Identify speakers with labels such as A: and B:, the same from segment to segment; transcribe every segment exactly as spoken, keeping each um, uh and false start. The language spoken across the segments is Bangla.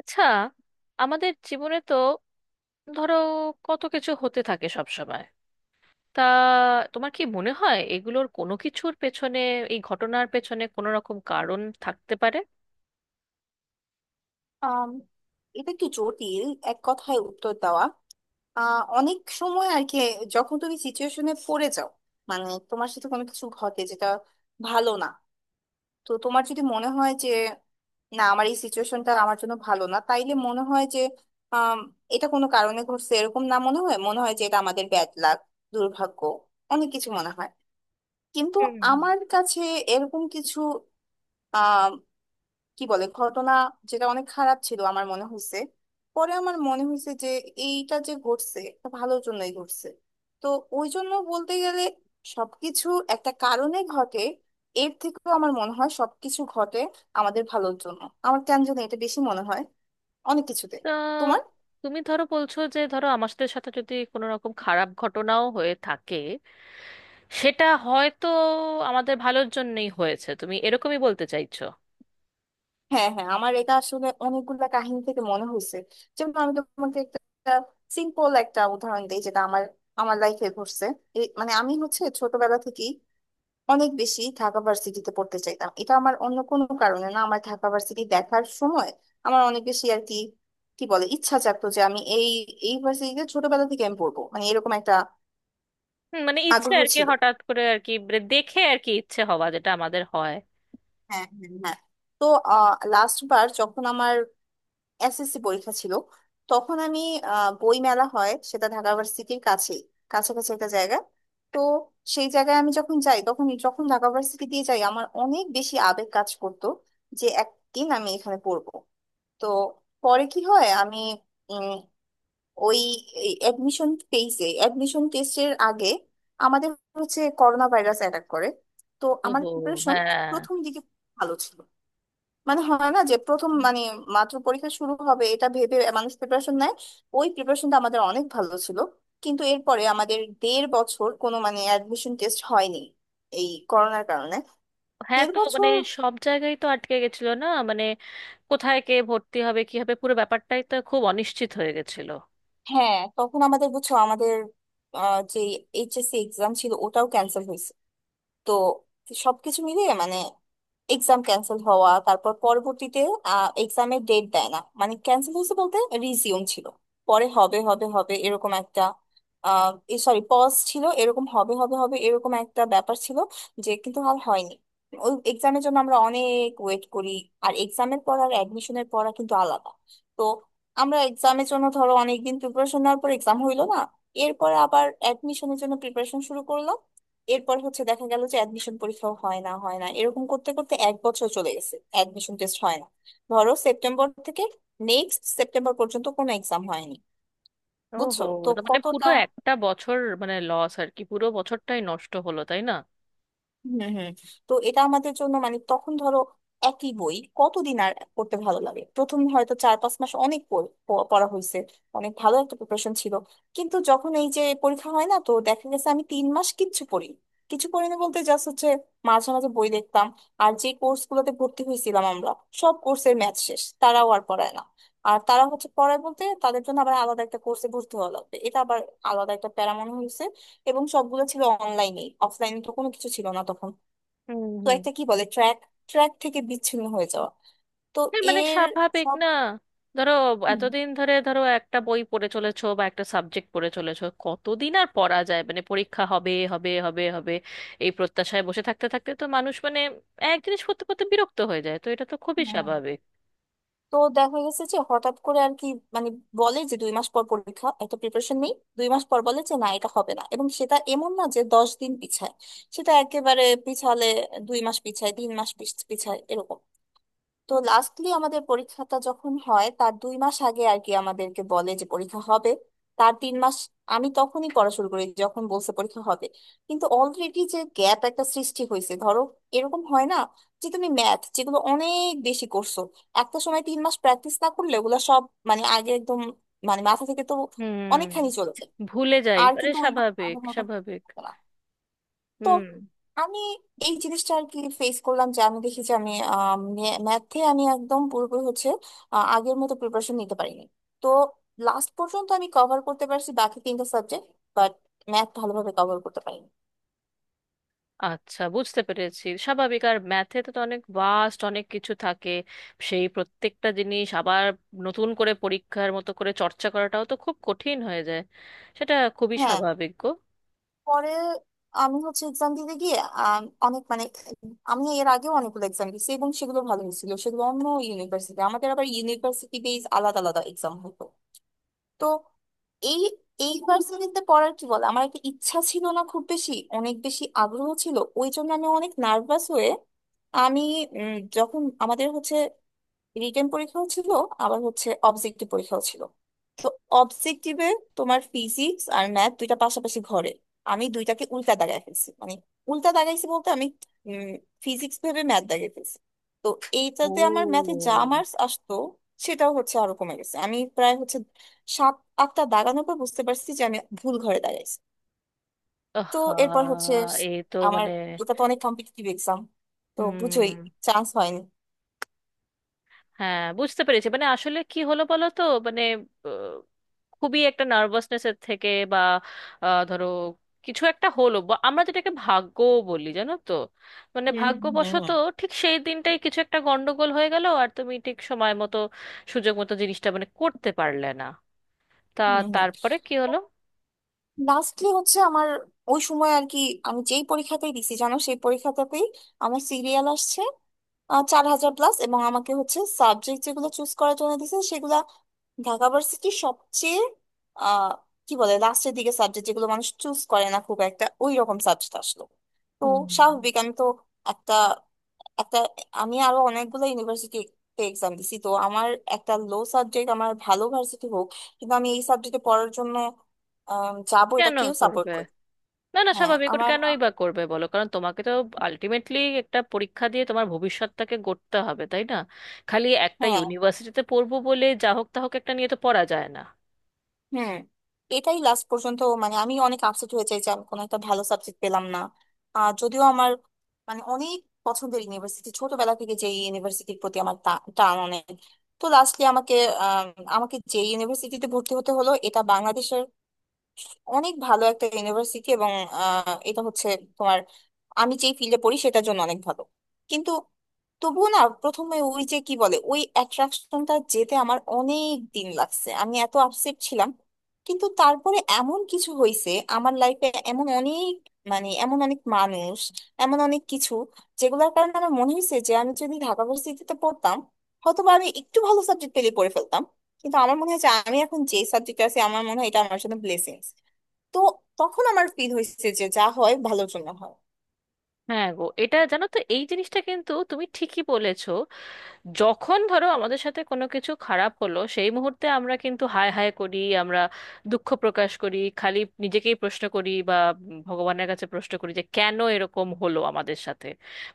A: আচ্ছা, আমাদের জীবনে তো, ধরো, কত কিছু হতে থাকে সব সময়। তা তোমার কি মনে হয় এগুলোর কোনো কিছুর পেছনে, এই ঘটনার পেছনে কোনো রকম কারণ থাকতে পারে?
B: আম, এটা একটু জটিল এক কথায় উত্তর দেওয়া আহ অনেক সময় আর কি। যখন তুমি সিচুয়েশনে পড়ে যাও মানে তোমার সাথে কোনো কিছু ঘটে যেটা ভালো না, তো তোমার যদি মনে হয় যে না আমার এই সিচুয়েশনটা আমার জন্য ভালো না, তাইলে মনে হয় যে আম, এটা কোনো কারণে ঘটছে এরকম না, মনে হয় মনে হয় যে এটা আমাদের ব্যাড লাক, দুর্ভাগ্য, অনেক কিছু মনে হয়। কিন্তু
A: হুম।
B: আমার কাছে এরকম কিছু, কি বলে, ঘটনা যেটা অনেক খারাপ ছিল আমার মনে হয়েছে, পরে আমার মনে হয়েছে যে এইটা যে ঘটছে এটা ভালোর জন্যই ঘটছে। তো ওই জন্য বলতে গেলে সবকিছু একটা কারণে ঘটে, এর থেকেও আমার মনে হয় সবকিছু ঘটে আমাদের ভালোর জন্য। আমার কেন জানি এটা বেশি মনে হয় অনেক কিছুতে।
A: তা
B: তোমার।
A: তুমি ধরো বলছো যে, ধরো আমার সাথে সাথে যদি কোনো রকম খারাপ ঘটনাও হয়ে থাকে, সেটা হয়তো আমাদের ভালোর জন্যই হয়েছে, তুমি এরকমই বলতে চাইছো?
B: হ্যাঁ, হ্যাঁ, আমার এটা আসলে অনেকগুলা কাহিনী থেকে মনে হয়েছে। যেমন আমি তোমাকে একটা সিম্পল একটা উদাহরণ দিই যেটা আমার আমার লাইফে ঘটছে। এই- মানে আমি হচ্ছে ছোটবেলা থেকেই অনেক বেশি ঢাকা ভার্সিটিতে পড়তে চাইতাম, এটা আমার অন্য কোনো কারণে না, আমার ঢাকা ভার্সিটি দেখার সময় আমার অনেক বেশি আর কি, কি বলে, ইচ্ছা জাগতো যে আমি এই এই ভার্সিটিতে ছোটবেলা থেকে আমি পড়বো মানে এরকম একটা
A: হুম, মানে ইচ্ছে
B: আগ্রহ
A: আর কি,
B: ছিল।
A: হঠাৎ করে আর কি, মানে দেখে আর কি ইচ্ছে হওয়া, যেটা আমাদের হয়।
B: হ্যাঁ, হ্যাঁ, হ্যাঁ। তো লাস্ট বার যখন আমার এসএসসি পরীক্ষা ছিল তখন আমি আহ, বই মেলা হয় সেটা ঢাকা ভার্সিটির কাছেই, কাছাকাছি একটা জায়গা। তো সেই জায়গায় আমি যখন যাই তখন যখন ঢাকা ভার্সিটি দিয়ে যাই আমার অনেক বেশি আবেগ কাজ করতো যে একদিন আমি এখানে পড়বো। তো পরে কি হয়, আমি উম, ওই অ্যাডমিশন পেইজে অ্যাডমিশন টেস্টের আগে আমাদের হচ্ছে করোনা ভাইরাস অ্যাটাক করে। তো আমার
A: ওহো,
B: প্রিপারেশন
A: হ্যাঁ।
B: প্রথম দিকে ভালো ছিল, মানে হয় না যে প্রথম মানে মাত্র পরীক্ষা শুরু হবে এটা ভেবে মানুষ প্রিপারেশন নেয়, ওই প্রিপারেশনটা আমাদের অনেক ভালো ছিল। কিন্তু এরপরে আমাদের দেড় বছর কোনো মানে অ্যাডমিশন টেস্ট হয়নি এই করোনার কারণে।
A: হ্যাঁ,
B: দেড়
A: তো মানে
B: বছর
A: সব জায়গায় তো আটকে গেছিল না মানে, কোথায় কে ভর্তি হবে কি হবে, পুরো ব্যাপারটাই তো খুব অনিশ্চিত হয়ে গেছিল।
B: হ্যাঁ, তখন আমাদের বুঝছো আমাদের আহ, যে এইচএসসি এক্সাম ছিল ওটাও ক্যান্সেল হয়েছে। তো সবকিছু মিলিয়ে মানে এক্সাম ক্যান্সেল হওয়া, তারপর পরবর্তীতে এক্সামের ডেট দেয় না, মানে ক্যান্সেল হয়েছে বলতে রিজিউম ছিল, পরে হবে হবে হবে এরকম একটা, সরি পজ ছিল, এরকম হবে হবে হবে এরকম একটা ব্যাপার ছিল যে, কিন্তু আর হয়নি। ওই এক্সামের জন্য আমরা অনেক ওয়েট করি। আর এক্সামের পর আর অ্যাডমিশনের পড়া কিন্তু আলাদা। তো আমরা এক্সামের জন্য ধরো অনেকদিন প্রিপারেশন নেওয়ার পর এক্সাম হইলো না। এরপর আবার অ্যাডমিশনের জন্য প্রিপারেশন শুরু করলাম। এরপর হচ্ছে দেখা গেল যে অ্যাডমিশন পরীক্ষাও হয় না, হয় না এরকম করতে করতে এক বছর চলে গেছে, অ্যাডমিশন টেস্ট হয় না। ধরো সেপ্টেম্বর থেকে নেক্সট সেপ্টেম্বর পর্যন্ত কোনো এক্সাম হয়নি।
A: ওহো,
B: বুঝছো তো
A: তো মানে পুরো
B: কতটা।
A: একটা বছর মানে লস আর কি, পুরো বছরটাই নষ্ট হলো তাই না?
B: হম, হম। তো এটা আমাদের জন্য মানে তখন ধরো একই বই কতদিন আর পড়তে ভালো লাগে, প্রথম হয়তো চার পাঁচ মাস অনেক পড়- প- পড়া হয়েছে, অনেক ভালো একটা প্রিপারেশন ছিল। কিন্তু যখন এই যে পরীক্ষা হয় না, তো দেখা গেছে আমি তিন মাস কিচ্ছু পড়ি, কিছু পড়ি না বলতে জাস্ট হচ্ছে মাঝে মাঝে বই দেখতাম। আর যে কোর্স গুলোতে ভর্তি হয়েছিলাম আমরা, সব কোর্সের ম্যাথ শেষ, তারাও আর পড়ায় না। আর তারা হচ্ছে পড়ায় বলতে তাদের জন্য আবার আলাদা একটা কোর্সে ভর্তি হওয়া লাগবে, এটা আবার আলাদা একটা প্যারা মনে হয়েছে। এবং সবগুলো ছিল অনলাইনে, অফলাইনে তো কোনো কিছু ছিল না তখন।
A: হুম
B: তো
A: হুম।
B: একটা কি বলে ট্র্যাক, ট্র্যাক থেকে বিচ্ছিন্ন হয়ে যাওয়া। তো
A: হ্যাঁ, মানে
B: এর
A: স্বাভাবিক
B: সব।
A: না। ধরো
B: হুম,
A: এতদিন ধরে, ধরো একটা বই পড়ে চলেছো বা একটা সাবজেক্ট পড়ে চলেছো, কতদিন আর পড়া যায় মানে, পরীক্ষা হবে হবে হবে হবে এই প্রত্যাশায় বসে থাকতে থাকতে তো মানুষ মানে এক জিনিস করতে করতে বিরক্ত হয়ে যায়, তো এটা তো খুবই
B: হ্যাঁ।
A: স্বাভাবিক।
B: তো দেখা গেছে যে হঠাৎ করে আর কি মানে বলে যে দুই মাস পর পরীক্ষা, একটা প্রিপারেশন নেই, দুই মাস পর বলে যে না এটা হবে না, এবং সেটা এমন না যে দশ দিন পিছায়, সেটা একেবারে পিছালে দুই মাস পিছায়, তিন মাস পিছ- পিছায় এরকম। তো লাস্টলি আমাদের পরীক্ষাটা যখন হয় তার দুই মাস আগে আর কি আমাদেরকে বলে যে পরীক্ষা হবে, তার তিন মাস আমি তখনই পড়া শুরু করি যখন বলছে পরীক্ষা হবে। কিন্তু অলরেডি যে গ্যাপ একটা সৃষ্টি হয়েছে ধরো, এরকম হয় না যে তুমি ম্যাথ যেগুলো অনেক বেশি করছো, একটা সময় তিন মাস প্র্যাকটিস না করলে ওগুলো সব মানে আগে একদম মানে মাথা থেকে তো
A: হুম,
B: অনেকখানি চলে যায়,
A: ভুলে যাই,
B: আর
A: আরে
B: কিন্তু ওই রকম
A: স্বাভাবিক,
B: আগের মতো
A: স্বাভাবিক।
B: হয় না। তো
A: হুম।
B: আমি এই জিনিসটা আর কি ফেস করলাম যে আমি দেখি যে আমি ম্যাথে আমি একদম পুরোপুরি হচ্ছে আহ, আগের মতো প্রিপারেশন নিতে পারিনি। তো লাস্ট পর্যন্ত আমি কভার করতে পারছি বাকি তিনটা সাবজেক্ট, বাট ম্যাথ ভালোভাবে কভার করতে পারিনি।
A: আচ্ছা, বুঝতে পেরেছি, স্বাভাবিক। আর ম্যাথে তো অনেক ভাস্ট, অনেক কিছু থাকে। সেই প্রত্যেকটা জিনিস আবার নতুন করে পরীক্ষার মতো করে চর্চা করাটাও তো খুব কঠিন হয়ে যায়। সেটা খুবই
B: হ্যাঁ।
A: স্বাভাবিক গো।
B: পরে আমি হচ্ছে এক্সাম দিতে গিয়ে আম, অনেক মানে, আমি এর আগেও অনেকগুলো এক্সাম দিয়েছি এবং সেগুলো ভালো হয়েছিল, সেগুলো অন্য ইউনিভার্সিটি, আমাদের আবার ইউনিভার্সিটি বেস আলাদা আলাদা এক্সাম হতো। তো এই এই ভার্সিটিতে পড়ার কি বলে আমার একটা ইচ্ছা ছিল না খুব বেশি, অনেক বেশি আগ্রহ ছিল, ওই জন্য আমি অনেক নার্ভাস হয়ে আমি উম, যখন আমাদের হচ্ছে রিটেন পরীক্ষাও ছিল, আবার হচ্ছে অবজেক্টিভ পরীক্ষাও ছিল। তো অবজেক্টিভে তোমার ফিজিক্স আর ম্যাথ দুইটা পাশাপাশি ঘরে, আমি দুইটাকে উল্টা দাগায় ফেলছি, মানে উল্টা দাগাইছি বলতে আমি ফিজিক্স ভেবে ম্যাথ দাগিয়ে ফেলছি। তো এইটাতে আমার ম্যাথে
A: ও।
B: যা মার্কস আসতো সেটাও হচ্ছে আরো কমে গেছে, আমি প্রায় হচ্ছে সাত আটটা দাগানোর পর বুঝতে পারছি যে আমি ভুল ঘরে দাগাইছি। তো
A: আহা।
B: এরপর হচ্ছে
A: এ তো
B: আমার
A: মানে,
B: এটা তো অনেক কম্পিটিটিভ এক্সাম, তো বুঝোই
A: হুম।
B: চান্স হয়নি।
A: হ্যাঁ, বুঝতে পেরেছি। মানে আসলে কি হলো বলো তো, মানে আহ, খুবই একটা নার্ভাসনেসের থেকে বা আহ, ধরো কিছু একটা হলো, বা আমরা যেটাকে ভাগ্য বলি জানো তো, মানে
B: হুম, হুম, হুম,
A: ভাগ্যবশত ঠিক সেই দিনটাই কিছু একটা গন্ডগোল হয়ে গেল, আর তুমি ঠিক সময় মতো, সুযোগ মতো জিনিসটা মানে করতে পারলে না। তা
B: হুম। হম।
A: তারপরে কি হলো?
B: লাস্টলি হচ্ছে আমার ওই সময় আর কি আমি যেই পরীক্ষাতেই দিছি জানো সেই পরীক্ষাটাতেই আমার সিরিয়াল আসছে চার হাজার প্লাস, এবং আমাকে হচ্ছে সাবজেক্ট যেগুলো চুজ করার জন্য দিছে সেগুলা ঢাকা ভার্সিটির সবচেয়ে আহ কি বলে লাস্টের দিকে, সাবজেক্ট যেগুলো মানুষ চুজ করে না খুব একটা, ওই রকম সাবজেক্ট আসলো। তো
A: হুম।
B: স্বাভাবিক আমি তো একটা একটা আমি আরো অনেকগুলো ইউনিভার্সিটিতে এক্সাম দিছি, তো আমার একটা লো সাবজেক্ট আমার ভালো ভার্সিটি হোক কিন্তু আমি এই সাবজেক্টে পড়ার জন্য আম, যাবো এটা
A: কেন
B: কেউ সাপোর্ট
A: করবে?
B: করে।
A: না না,
B: হ্যাঁ,
A: স্বাভাবিক, ওটা
B: আমার।
A: কেনই বা করবে বলো, কারণ তোমাকে তো আলটিমেটলি একটা পরীক্ষা দিয়ে তোমার ভবিষ্যৎটাকে গড়তে হবে তাই না? খালি একটা
B: হ্যাঁ,
A: ইউনিভার্সিটিতে পড়বো বলে যা হোক তা হোক একটা নিয়ে তো পড়া যায় না।
B: হুম। এটাই লাস্ট পর্যন্ত মানে আমি অনেক আপসেট হয়ে যাই যে আমি কোনো একটা ভালো সাবজেক্ট পেলাম না। আহ যদিও আমার মানে অনেক পছন্দের ইউনিভার্সিটি ছোটবেলা থেকে, যে ইউনিভার্সিটির প্রতি আমার টা- টান অনেক। তো লাস্টলি আমাকে আম, আমাকে যে ইউনিভার্সিটিতে ভর্তি হতে হলো এটা বাংলাদেশের অনেক ভালো একটা ইউনিভার্সিটি, এবং আহ, এটা হচ্ছে তোমার আমি যেই ফিল্ডে পড়ি সেটার জন্য অনেক ভালো। কিন্তু তবুও না প্রথমে ওই যে কি বলে ওই অ্যাট্রাকশনটা যেতে আমার অনেক দিন লাগছে, আমি এত আপসেট ছিলাম। কিন্তু তারপরে এমন কিছু হয়েছে আমার লাইফে, এমন অনেক মানে এমন অনেক মানুষ, এমন অনেক কিছু যেগুলোর কারণে আমার মনে হয়েছে যে আমি যদি ঢাকা ভার্সিটিতে পড়তাম হয়তো বা আমি একটু ভালো সাবজেক্ট পেলে পড়ে ফেলতাম, কিন্তু আমার মনে হয় যে আমি এখন যে সাবজেক্ট আছে আমার মনে হয় এটা আমার জন্য ব্লেসিংস। তো তখন আমার ফিল হয়েছে যে যা হয় ভালোর জন্য হয়।
A: হ্যাঁ গো, এটা জানো তো, এই জিনিসটা কিন্তু তুমি ঠিকই বলেছো। যখন ধরো আমাদের সাথে কোনো কিছু খারাপ হলো, সেই মুহূর্তে আমরা কিন্তু হায় হায় করি, আমরা দুঃখ প্রকাশ করি, খালি নিজেকেই প্রশ্ন করি বা ভগবানের কাছে প্রশ্ন করি যে কেন এরকম হলো আমাদের সাথে,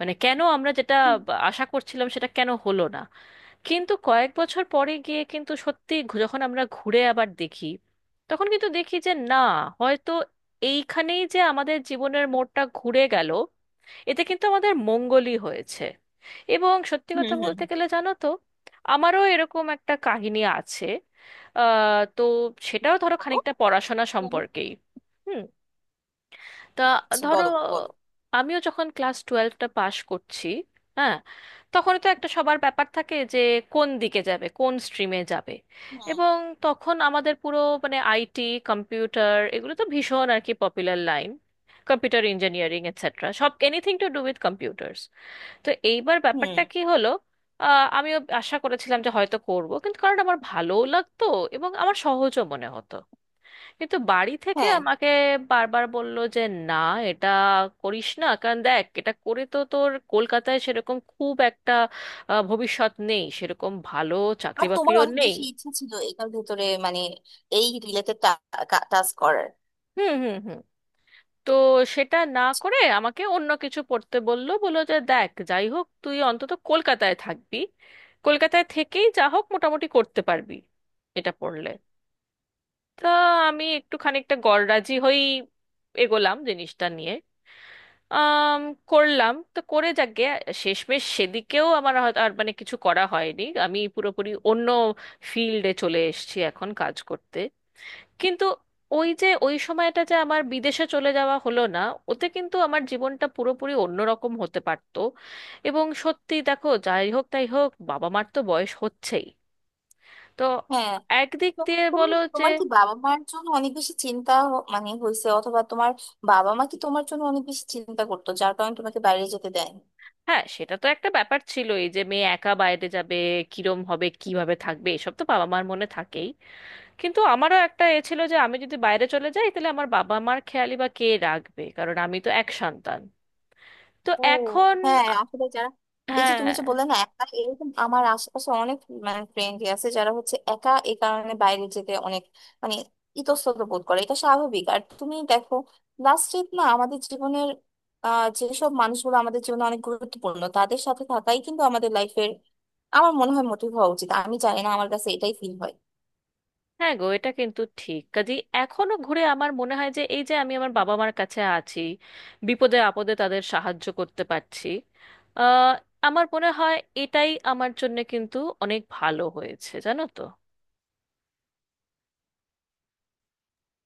A: মানে কেন আমরা যেটা
B: হুম,
A: আশা করছিলাম সেটা কেন হলো না। কিন্তু কয়েক বছর পরে গিয়ে কিন্তু সত্যি ঘু- যখন আমরা ঘুরে আবার দেখি, তখন কিন্তু দেখি যে না, হয়তো এইখানেই যে আমাদের জীবনের মোড়টা ঘুরে গেল, এতে কিন্তু আমাদের মঙ্গলই হয়েছে। এবং সত্যি
B: হুম,
A: কথা
B: হুম।
A: বলতে গেলে জানো তো, আমারও এরকম একটা কাহিনী আছে। আহ, তো সেটাও ধরো
B: বলো।
A: খানিকটা পড়াশোনা
B: হুম।
A: সম্পর্কেই। হুম। তা
B: আচ্ছা,
A: ধরো
B: বলো, বলো।
A: আমিও যখন ক্লাস টুয়েলভটা পাশ করছি, হ্যাঁ, তখন তো একটা সবার ব্যাপার থাকে যে কোন দিকে যাবে, কোন স্ট্রিমে যাবে।
B: হুম,
A: এবং তখন আমাদের পুরো, মানে আইটি, কম্পিউটার, এগুলো তো ভীষণ আর কি popular line. Computer engineering etcetera, সব anything to do with computers. তো এইবার
B: হুম।
A: ব্যাপারটা কি হলো, আহ, আমিও আশা করেছিলাম যে হয়তো করব, কিন্তু কারণ আমার ভালোও লাগতো এবং আমার সহজও মনে হতো। কিন্তু বাড়ি থেকে
B: হ্যাঁ।
A: আমাকে বারবার বলল যে না, এটা করিস না, কারণ দেখ এটা করে তো তোর কলকাতায় সেরকম খুব একটা আহ, ভবিষ্যৎ নেই, সেরকম ভালো চাকরি
B: আর তোমার
A: বাকরিও
B: অনেক
A: নেই।
B: বেশি ইচ্ছা ছিল এটার ভেতরে মানে এই রিলেটেড টাস্ক করার।
A: হুম হুম হুম। তো সেটা না করে আমাকে অন্য কিছু পড়তে বললো, বললো যে দেখ যাই হোক তুই অন্তত কলকাতায় থাকবি, কলকাতায় থেকেই যা হোক মোটামুটি করতে পারবি এটা পড়লে। তা আমি একটু খানিকটা গড়রাজি হয়েই এগোলাম জিনিসটা নিয়ে। আম, করলাম, তো করে যাক গে। শেষমেশ সেদিকেও আমার হয়তো আর মানে কিছু করা হয়নি, আমি পুরোপুরি অন্য ফিল্ডে চলে এসেছি এখন কাজ করতে। কিন্তু ওই যে ওই সময়টা যে আমার বিদেশে চলে যাওয়া হলো না, ওতে কিন্তু আমার জীবনটা পুরোপুরি অন্যরকম হতে পারতো। এবং সত্যি দেখো, যাই হোক তাই হোক, বাবা মার তো বয়স হচ্ছেই, তো
B: হ্যাঁ,
A: একদিক
B: তো
A: দিয়ে
B: তোমার
A: বলো যে,
B: তোমার কি বাবা মার জন্য অনেক বেশি চিন্তা হ- মানে হয়েছে অথবা তোমার বাবা মা কি তোমার জন্য অনেক বেশি চিন্তা করতো যার কারণে তোমাকে বাইরে যেতে দেয়।
A: হ্যাঁ, সেটা তো একটা ব্যাপার ছিলই যে মেয়ে একা বাইরে যাবে, কিরম হবে, কিভাবে থাকবে, এসব তো বাবা মার মনে থাকেই। কিন্তু আমারও একটা এ ছিল যে আমি যদি বাইরে চলে যাই তাহলে আমার বাবা মার খেয়ালি বা কে রাখবে, কারণ আমি তো এক সন্তান। তো
B: ও,
A: এখন,
B: হ্যাঁ। আসলে যারা, এই যে তুমি
A: হ্যাঁ।
B: যে বললে না একা, এরকম আমার আশেপাশে অনেক মানে ফ্রেন্ড আছে যারা হচ্ছে একা এই কারণে বাইরে যেতে অনেক মানে ইতস্তত বোধ করে। এটা স্বাভাবিক। আর তুমি দেখো লাস্ট ট্রিপ না আমাদের জীবনের, আহ যেসব মানুষগুলো আমাদের জীবনে অনেক গুরুত্বপূর্ণ তাদের সাথে থাকাই কিন্তু আমাদের লাইফের, আমার মনে হয় মোটিভ হওয়া উচিত। আমি জানি না, আমার কাছে এটাই ফিল হয়।
A: হ্যাঁ গো, এটা কিন্তু ঠিক কাজে, এখনো ঘুরে আমার মনে হয় যে এই যে আমি আমার বাবা মার কাছে আছি, বিপদে আপদে তাদের সাহায্য করতে পারছি, আহ আমার মনে হয় এটাই আমার জন্য কিন্তু অনেক ভালো হয়েছে জানো তো।